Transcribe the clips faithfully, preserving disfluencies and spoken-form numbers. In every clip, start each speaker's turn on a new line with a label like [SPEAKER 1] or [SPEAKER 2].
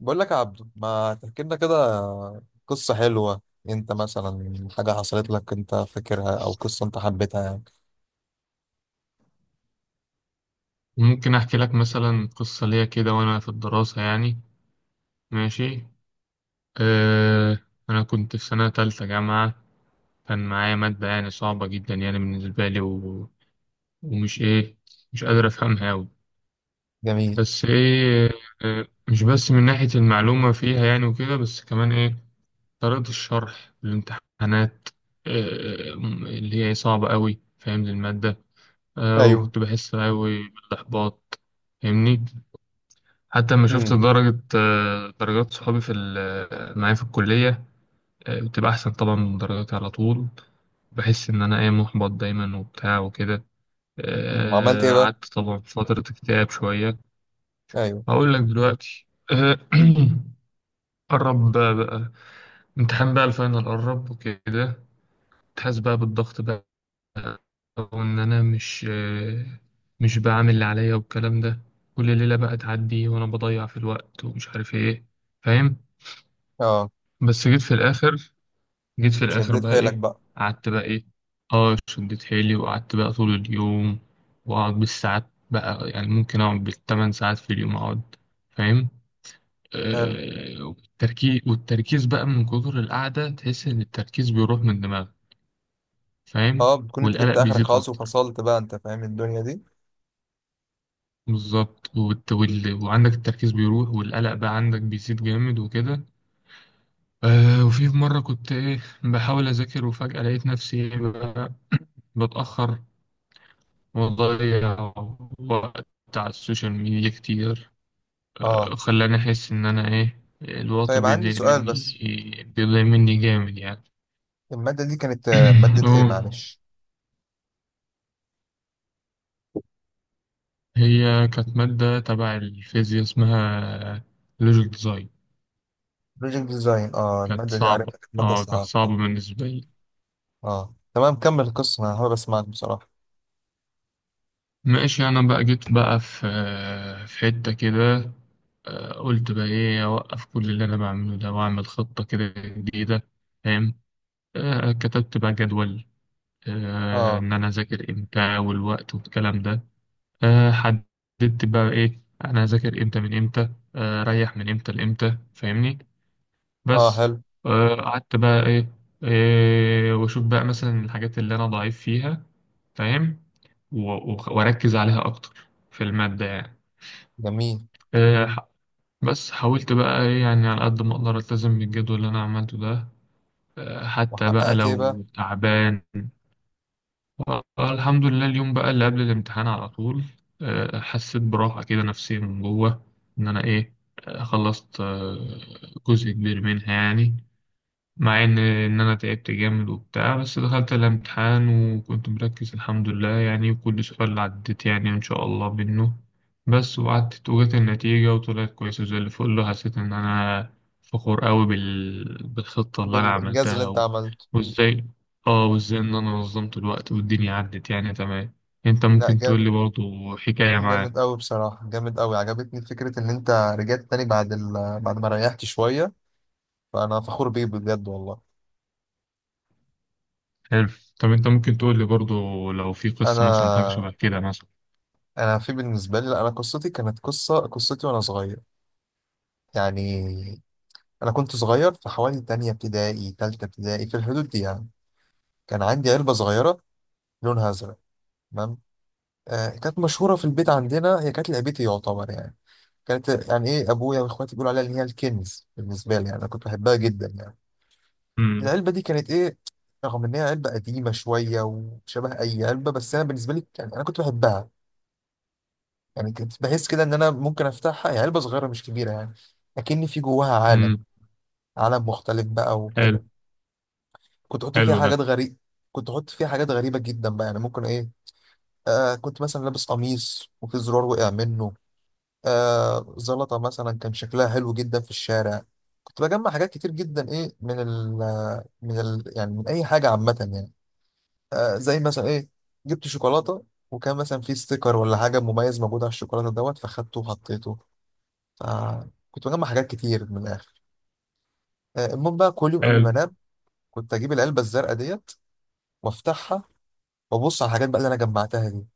[SPEAKER 1] بقول لك يا عبدو، ما تحكي لنا كده قصة حلوة. انت مثلا حاجة حصلت لك انت فاكرها، او قصة انت حبيتها يعني.
[SPEAKER 2] ممكن أحكي لك مثلا قصة ليا كده وأنا في الدراسة يعني. ماشي. أه. أنا كنت في سنة تالتة جامعة. كان معايا مادة يعني صعبة جدا يعني بالنسبة لي و... ومش إيه مش قادر أفهمها أوي.
[SPEAKER 1] جميل.
[SPEAKER 2] بس إيه، أه مش بس من ناحية المعلومة فيها يعني وكده، بس كمان إيه طريقة الشرح الامتحانات، أه، اللي هي صعبة أوي فاهم المادة. أه،
[SPEAKER 1] ايوه.
[SPEAKER 2] وكنت بحس أوي بالإحباط. فاهمني؟ حتى لما شفت
[SPEAKER 1] امم.
[SPEAKER 2] درجة آه، درجات صحابي في ال- معايا في الكلية، آه، بتبقى أحسن طبعا من درجاتي على طول. بحس إن أنا إيه محبط دايما وبتاع وكده.
[SPEAKER 1] أمم، وعملت ايه
[SPEAKER 2] آه،
[SPEAKER 1] بقى؟
[SPEAKER 2] قعدت طبعا في فترة اكتئاب شوية.
[SPEAKER 1] ايوه.
[SPEAKER 2] هقول لك دلوقتي. آه، قرب بقى, بقى امتحان بقى الفاينل قرب وكده. تحس بقى بالضغط بقى. وإن أنا مش آه، مش بعمل اللي عليا والكلام ده. كل ليلة بقى تعدي وأنا بضيع في الوقت ومش عارف إيه. فاهم؟
[SPEAKER 1] اه،
[SPEAKER 2] بس جيت في الآخر، جيت في الاخر
[SPEAKER 1] شديت
[SPEAKER 2] بقى
[SPEAKER 1] حيلك
[SPEAKER 2] ايه
[SPEAKER 1] بقى.
[SPEAKER 2] قعدت بقى ايه، اه شديت حيلي وقعدت بقى طول اليوم. واقعد بالساعات بقى، يعني ممكن اقعد بالثمان ساعات في اليوم اقعد. فاهم؟
[SPEAKER 1] حلو.
[SPEAKER 2] آه، والتركيز والتركيز بقى من كتر القعدة، تحس ان التركيز بيروح من دماغك. فاهم،
[SPEAKER 1] اه، بتكون انت
[SPEAKER 2] والقلق
[SPEAKER 1] جبت اخرك
[SPEAKER 2] بيزيد
[SPEAKER 1] خلاص
[SPEAKER 2] اكتر.
[SPEAKER 1] وفصلت بقى. انت فاهم الدنيا دي.
[SPEAKER 2] بالظبط، والت- وال... وعندك التركيز بيروح، والقلق بقى عندك بيزيد جامد وكده. آه، وفي مرة كنت ايه بحاول اذاكر، وفجأة لقيت نفسي إيه بقى بتأخر، وضيع وقت على السوشيال ميديا كتير.
[SPEAKER 1] اه.
[SPEAKER 2] خلاني أحس إن أنا إيه الوقت
[SPEAKER 1] طيب، عندي
[SPEAKER 2] بيضيع
[SPEAKER 1] سؤال
[SPEAKER 2] مني
[SPEAKER 1] بس.
[SPEAKER 2] بيضيع مني جامد يعني.
[SPEAKER 1] المادة دي كانت آه، مادة ايه؟
[SPEAKER 2] هو-
[SPEAKER 1] معلش.
[SPEAKER 2] هي كانت مادة تبع الفيزياء، اسمها لوجيك ديزاين.
[SPEAKER 1] بروجكت ديزاين. اه،
[SPEAKER 2] كانت
[SPEAKER 1] المادة دي
[SPEAKER 2] صعبة
[SPEAKER 1] عارفها، كانت مادة
[SPEAKER 2] اه كانت
[SPEAKER 1] صعبة. اه.
[SPEAKER 2] صعبة بالنسبة لي.
[SPEAKER 1] آه. تمام، كمل القصة، انا حابب اسمعك بصراحة.
[SPEAKER 2] ماشي. أنا بقى جيت بقى في في حتة كده. آه، قلت بقى إيه أوقف كل اللي أنا بعمله ده، وأعمل خطة كده جديدة. فاهم؟ آه، كتبت بقى جدول، آه،
[SPEAKER 1] اه.
[SPEAKER 2] ان انا اذاكر امتى والوقت والكلام ده. آه، حددت بقى ايه انا هذاكر امتى من امتى، آه، اريح من امتى لامتى. فاهمني؟
[SPEAKER 1] اه.
[SPEAKER 2] بس.
[SPEAKER 1] حلو.
[SPEAKER 2] آه، قعدت بقى ايه، إيه واشوف بقى مثلا الحاجات اللي انا ضعيف فيها. فاهم؟ و- وخ- واركز عليها اكتر في المادة يعني.
[SPEAKER 1] جميل.
[SPEAKER 2] آه، ح- بس حاولت بقى ايه يعني على قد ما اقدر التزم بالجدول اللي انا عملته ده، آه، حتى بقى
[SPEAKER 1] وحققت ايه بقى؟
[SPEAKER 2] لو تعبان. آه، الحمد لله، اليوم بقى اللي قبل الامتحان على طول، آه، حسيت براحة كده نفسية من جوه، إن أنا إيه آه، خلصت، آه، جزء كبير منها يعني. مع ان ان انا تعبت جامد وبتاع، بس دخلت الامتحان وكنت مركز الحمد لله يعني، وكل سؤال عديت يعني ان شاء الله منه. بس وقعدت وجت النتيجة وطلعت كويسة زي اللي فوق له، حسيت ان انا فخور قوي بال... بالخطة اللي انا
[SPEAKER 1] بالانجاز اللي
[SPEAKER 2] عملتها
[SPEAKER 1] انت
[SPEAKER 2] و...
[SPEAKER 1] عملته.
[SPEAKER 2] وازاي، اه وازاي ان انا نظمت الوقت والدنيا عدت يعني تمام. انت
[SPEAKER 1] لا،
[SPEAKER 2] ممكن تقول لي
[SPEAKER 1] جامد.
[SPEAKER 2] برضو حكاية معاك؟
[SPEAKER 1] جامد قوي بصراحه، جامد قوي. عجبتني فكره ان انت رجعت تاني بعد ال... بعد ما ريحت شويه. فانا فخور بيه بجد والله.
[SPEAKER 2] حلو. طب انت ممكن تقول لي برضو لو في قصة مثلا حاجة شبه
[SPEAKER 1] انا
[SPEAKER 2] كده مثلا؟
[SPEAKER 1] انا في بالنسبه لي، لا. انا قصتي كانت قصه، قصتي وانا صغير يعني. انا كنت صغير، في حوالي تانية ابتدائي، تالتة ابتدائي، في الحدود دي يعني. كان عندي علبه صغيره، لونها ازرق. تمام. آه كانت مشهوره في البيت عندنا، هي كانت لعبتي يعتبر يعني. كانت يعني ايه، ابويا واخواتي بيقولوا عليها ان هي الكنز بالنسبه لي، يعني انا كنت بحبها جدا يعني.
[SPEAKER 2] امم.
[SPEAKER 1] العلبه دي كانت ايه. رغم ان هي علبه قديمه شويه وشبه اي علبه، بس انا بالنسبه لي يعني انا كنت بحبها. يعني كنت بحس كده ان انا ممكن افتحها، هي علبه صغيره مش كبيره يعني، لكن في جواها عالم.
[SPEAKER 2] امم.
[SPEAKER 1] عالم مختلف بقى
[SPEAKER 2] حلو.
[SPEAKER 1] وكده. كنت احط فيها
[SPEAKER 2] حلو ده.
[SPEAKER 1] حاجات غريبه. كنت احط فيها حاجات غريبه جدا بقى، يعني ممكن ايه. آه كنت مثلا لابس قميص وفي زرار وقع منه. آه زلطة مثلا كان شكلها حلو جدا في الشارع. كنت بجمع حاجات كتير جدا، ايه، من ال من ال يعني من اي حاجة عامة يعني. آه زي مثلا ايه، جبت شوكولاتة، وكان مثلا في ستيكر ولا حاجة مميز موجود على الشوكولاتة دوت، فخدته وحطيته. فكنت بجمع حاجات كتير من الآخر. آه المهم بقى، كل يوم قبل
[SPEAKER 2] حلو.
[SPEAKER 1] ما انام كنت اجيب العلبة الزرقاء ديت، وافتحها، وابص على الحاجات بقى اللي انا جمعتها دي،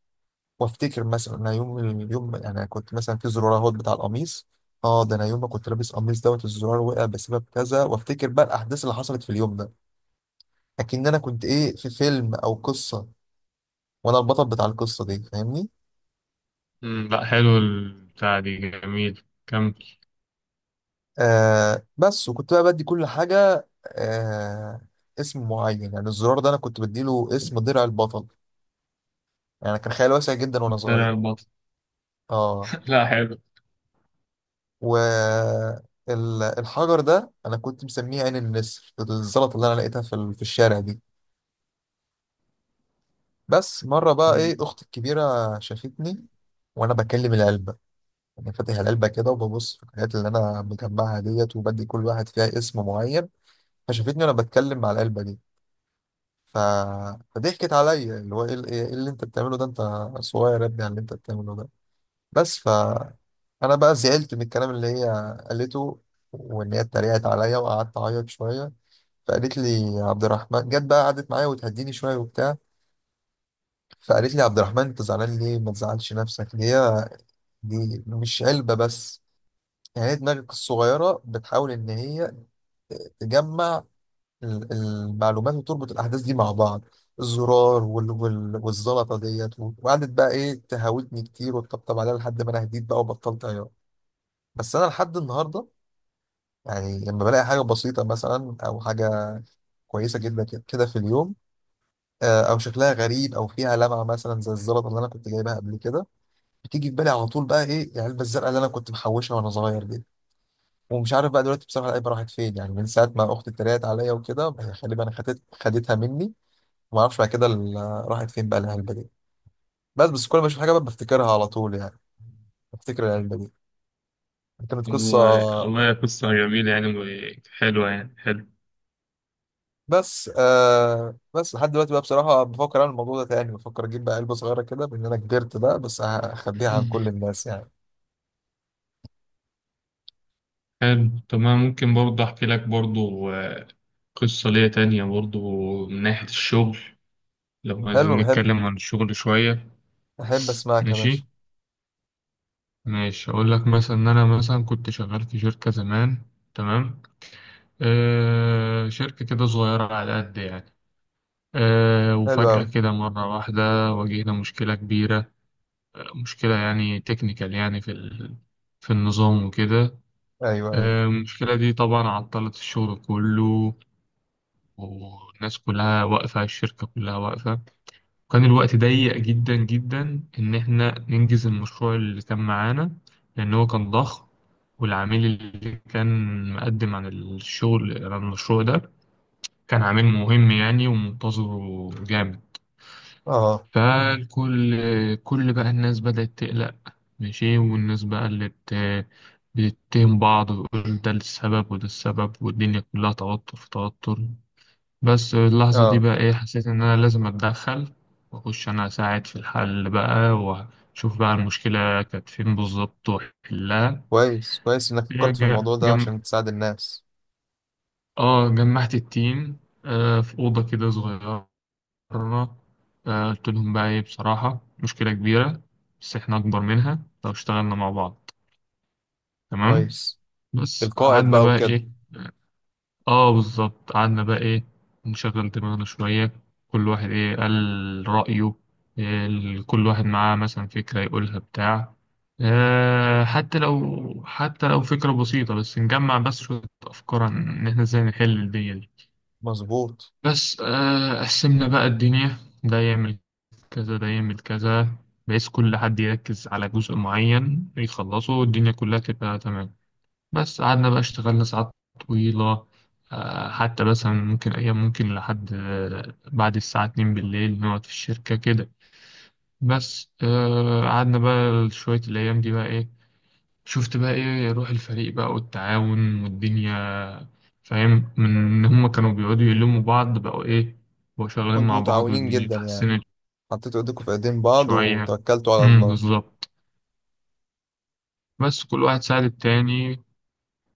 [SPEAKER 1] وافتكر مثلا انا يوم اليوم انا كنت مثلا في زرار اهوت بتاع القميص. اه، ده انا يوم ما كنت لابس قميص دوت الزرار وقع بسبب كذا، وافتكر بقى الاحداث اللي حصلت في اليوم ده، اكن انا كنت ايه في فيلم او قصه وانا البطل بتاع القصه دي، فاهمني.
[SPEAKER 2] مم، لا حلو البتاع دي، جميل، كمل.
[SPEAKER 1] آه بس وكنت بقى بدي كل حاجه، آه اسم معين، يعني الزرار ده انا كنت بديله اسم درع البطل. يعني كان خيال واسع جدا وانا
[SPEAKER 2] درع
[SPEAKER 1] صغير.
[SPEAKER 2] البطل؟
[SPEAKER 1] اه
[SPEAKER 2] لا حلو.
[SPEAKER 1] و ال- الحجر ده انا كنت مسميه عين النسر، الزلطه اللي انا لقيتها في ال- في الشارع دي. بس مرة بقى
[SPEAKER 2] مم.
[SPEAKER 1] ايه، اختي الكبيرة شافتني وانا بكلم العلبة، يعني فاتح العلبة كده وببص في الحاجات اللي انا مجمعها ديت، وبدي كل واحد فيها اسم معين. فشافتني وانا بتكلم مع العلبة دي. ف... فضحكت عليا، اللي هو ايه، ال- إيه اللي انت بتعمله ده، انت صغير يا ابني على اللي انت بتعمله ده. بس ف انا بقى زعلت من الكلام اللي هي قالته، وان هي اتريقت عليا، وقعدت اعيط شوية. فقالت لي، يا عبد الرحمن، جت بقى قعدت معايا وتهديني شوية وبتاع. فقالت لي، عبد الرحمن انت زعلان ليه؟ ما تزعلش نفسك، هي دي مش علبة بس، يعني هي دماغك الصغيرة بتحاول ان هي تجمع ال- المعلومات، وتربط الاحداث دي مع بعض، الزرار وال... وال... والزلطة ديت، و- وقعدت بقى ايه تهاوتني كتير وتطبطب عليها لحد ما انا هديت بقى وبطلت عياط. بس انا لحد النهاردة، يعني لما بلاقي حاجة بسيطة مثلا او حاجة كويسة جدا كده في اليوم، آه، او شكلها غريب او فيها لمعة مثلا زي الزلطة اللي انا كنت جايبها قبل كده، بتيجي في بالي على طول بقى ايه العلبه الزرقاء اللي انا كنت محوشها وانا صغير دي. ومش عارف بقى دلوقتي بصراحه العلبه راحت فين، يعني من ساعه ما اختي اتريقت عليا وكده، هي غالبا انا خدت خدتها مني. وما اعرفش بعد كده ال- راحت فين بقى العلبه دي. بس بس كل ما اشوف حاجه بقى بفتكرها على طول يعني، بفتكر العلبه دي، كانت قصه.
[SPEAKER 2] والله والله قصة جميلة يعني وحلوة يعني. حلو.
[SPEAKER 1] بس آه بس لحد دلوقتي بقى بصراحه بفكر اعمل الموضوع ده تاني، بفكر اجيب بقى علبه صغيره كده بان انا كبرت بقى، بس أه، اخبيها عن كل الناس يعني.
[SPEAKER 2] حلو. طب أنا ممكن برضه أحكي لك برضه آه، قصة ليا تانية برضه من ناحية الشغل، لو
[SPEAKER 1] حلو،
[SPEAKER 2] عايزين
[SPEAKER 1] بحب.
[SPEAKER 2] نتكلم عن الشغل شوية.
[SPEAKER 1] احب اسمعك يا باشا.
[SPEAKER 2] ماشي. ماشي أقول لك مثلا إن أنا مثلا كنت شغال في شركة زمان. تمام. آه، شركة كده صغيرة على قد يعني. آه،
[SPEAKER 1] حلو
[SPEAKER 2] وفجأة
[SPEAKER 1] قوي.
[SPEAKER 2] كده مرة واحدة واجهنا مشكلة كبيرة. آه، مشكلة يعني تكنيكال يعني في ال... في النظام وكده.
[SPEAKER 1] ايوه، ايوه.
[SPEAKER 2] آه، المشكلة دي طبعا عطلت الشغل كله، والناس كلها واقفة، الشركة كلها واقفة. وكان الوقت ضيق جدا جدا إن إحنا ننجز المشروع اللي كان معانا، لأن هو كان ضخم. والعميل اللي كان مقدم عن الشغل عن المشروع ده كان عميل مهم يعني ومنتظره جامد.
[SPEAKER 1] اه،
[SPEAKER 2] فالكل كل بقى الناس بدأت تقلق. ماشي، والناس بقى اللي بت... بتتهم بعض وتقول ده السبب وده السبب، والدنيا كلها توتر في توتر. بس اللحظة دي
[SPEAKER 1] اه.
[SPEAKER 2] بقى إيه حسيت إن أنا لازم أتدخل، وأخش أنا أساعد في الحل بقى، وأشوف بقى المشكلة كانت فين بالظبط وأحلها.
[SPEAKER 1] كويس. كويس انك فكرت في
[SPEAKER 2] ج-
[SPEAKER 1] الموضوع ده
[SPEAKER 2] جم...
[SPEAKER 1] عشان تساعد الناس.
[SPEAKER 2] آه، جمعت التيم، آه، في أوضة كده صغيرة مرة. آه، قلت لهم بقى إيه، بصراحة مشكلة كبيرة، بس إحنا أكبر منها لو اشتغلنا مع بعض. تمام.
[SPEAKER 1] كويس.
[SPEAKER 2] بس
[SPEAKER 1] القائد
[SPEAKER 2] قعدنا
[SPEAKER 1] بقى
[SPEAKER 2] بقى
[SPEAKER 1] وكده.
[SPEAKER 2] إيه. آه بالظبط، قعدنا بقى إيه، نشغل دماغنا شوية. كل واحد إيه قال رأيه، إيه ال- كل واحد معاه مثلا فكرة يقولها بتاع. آه، حتى لو حتى لو فكرة بسيطة، بس نجمع بس شوية أفكار عن إن إحنا إزاي نحل الدنيا دي.
[SPEAKER 1] مظبوط.
[SPEAKER 2] بس آه، قسمنا بقى الدنيا، ده يعمل كذا، ده يعمل كذا، بحيث كل حد يركز على جزء معين يخلصه، والدنيا كلها تبقى تمام. بس قعدنا بقى اشتغلنا ساعات طويلة، آه، حتى مثلا ممكن أيام ممكن لحد آه، بعد الساعة اتنين بالليل نقعد في الشركة كده. بس آه، قعدنا بقى شوية، الأيام دي بقى إيه، شفت بقى ايه روح الفريق بقى والتعاون والدنيا. فاهم، من ان هم كانوا بيقعدوا يلموا بعض، بقوا ايه بقوا شغالين
[SPEAKER 1] كنتوا
[SPEAKER 2] مع بعض،
[SPEAKER 1] متعاونين
[SPEAKER 2] والدنيا
[SPEAKER 1] جدا يعني،
[SPEAKER 2] اتحسنت
[SPEAKER 1] حطيتوا ايديكم في ايدين بعض
[SPEAKER 2] شوية.
[SPEAKER 1] وتوكلتوا على
[SPEAKER 2] امم
[SPEAKER 1] الله.
[SPEAKER 2] بالظبط. بس كل واحد ساعد التاني.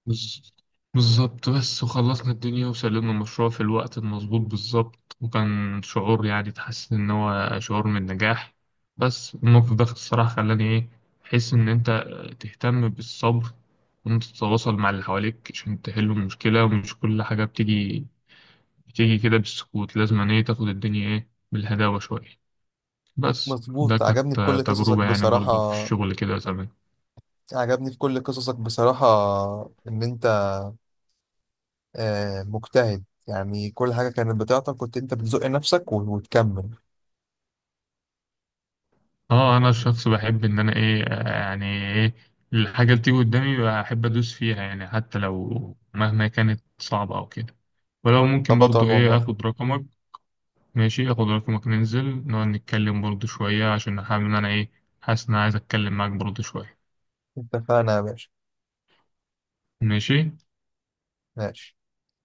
[SPEAKER 2] بز- بالظبط. بس وخلصنا الدنيا وسلمنا المشروع في الوقت المظبوط بالظبط، وكان شعور، يعني تحس إن هو شعور من النجاح. بس الموقف ده الصراحة خلاني إيه أحس إن أنت تهتم بالصبر، وإن أنت تتواصل مع اللي حواليك عشان تحل المشكلة، ومش كل حاجة بتيجي بتيجي كده بالسكوت، لازم إن إيه تاخد الدنيا إيه بالهداوة شوية. بس ده
[SPEAKER 1] مظبوط.
[SPEAKER 2] كانت
[SPEAKER 1] عجبني في كل قصصك
[SPEAKER 2] تجربة يعني
[SPEAKER 1] بصراحة.
[SPEAKER 2] برضه في الشغل كده زمان.
[SPEAKER 1] عجبني في كل قصصك بصراحة، ان انت آه، مجتهد يعني. كل حاجة كانت بتاعتك كنت انت بتزق نفسك و- وتكمل.
[SPEAKER 2] اه انا شخص بحب ان انا ايه آه، يعني ايه الحاجه اللي تيجي قدامي بحب ادوس فيها يعني، حتى لو مهما كانت صعبه او كده. ولو
[SPEAKER 1] انت
[SPEAKER 2] ممكن
[SPEAKER 1] بطل
[SPEAKER 2] برضو ايه
[SPEAKER 1] والله.
[SPEAKER 2] اخد رقمك؟ ماشي اخد رقمك، ننزل نقعد نتكلم برضو شويه، عشان حابب ان انا ايه حاسس ان انا عايز اتكلم معاك برضو شويه.
[SPEAKER 1] اتفقنا يا باشا.
[SPEAKER 2] ماشي.
[SPEAKER 1] ماشي.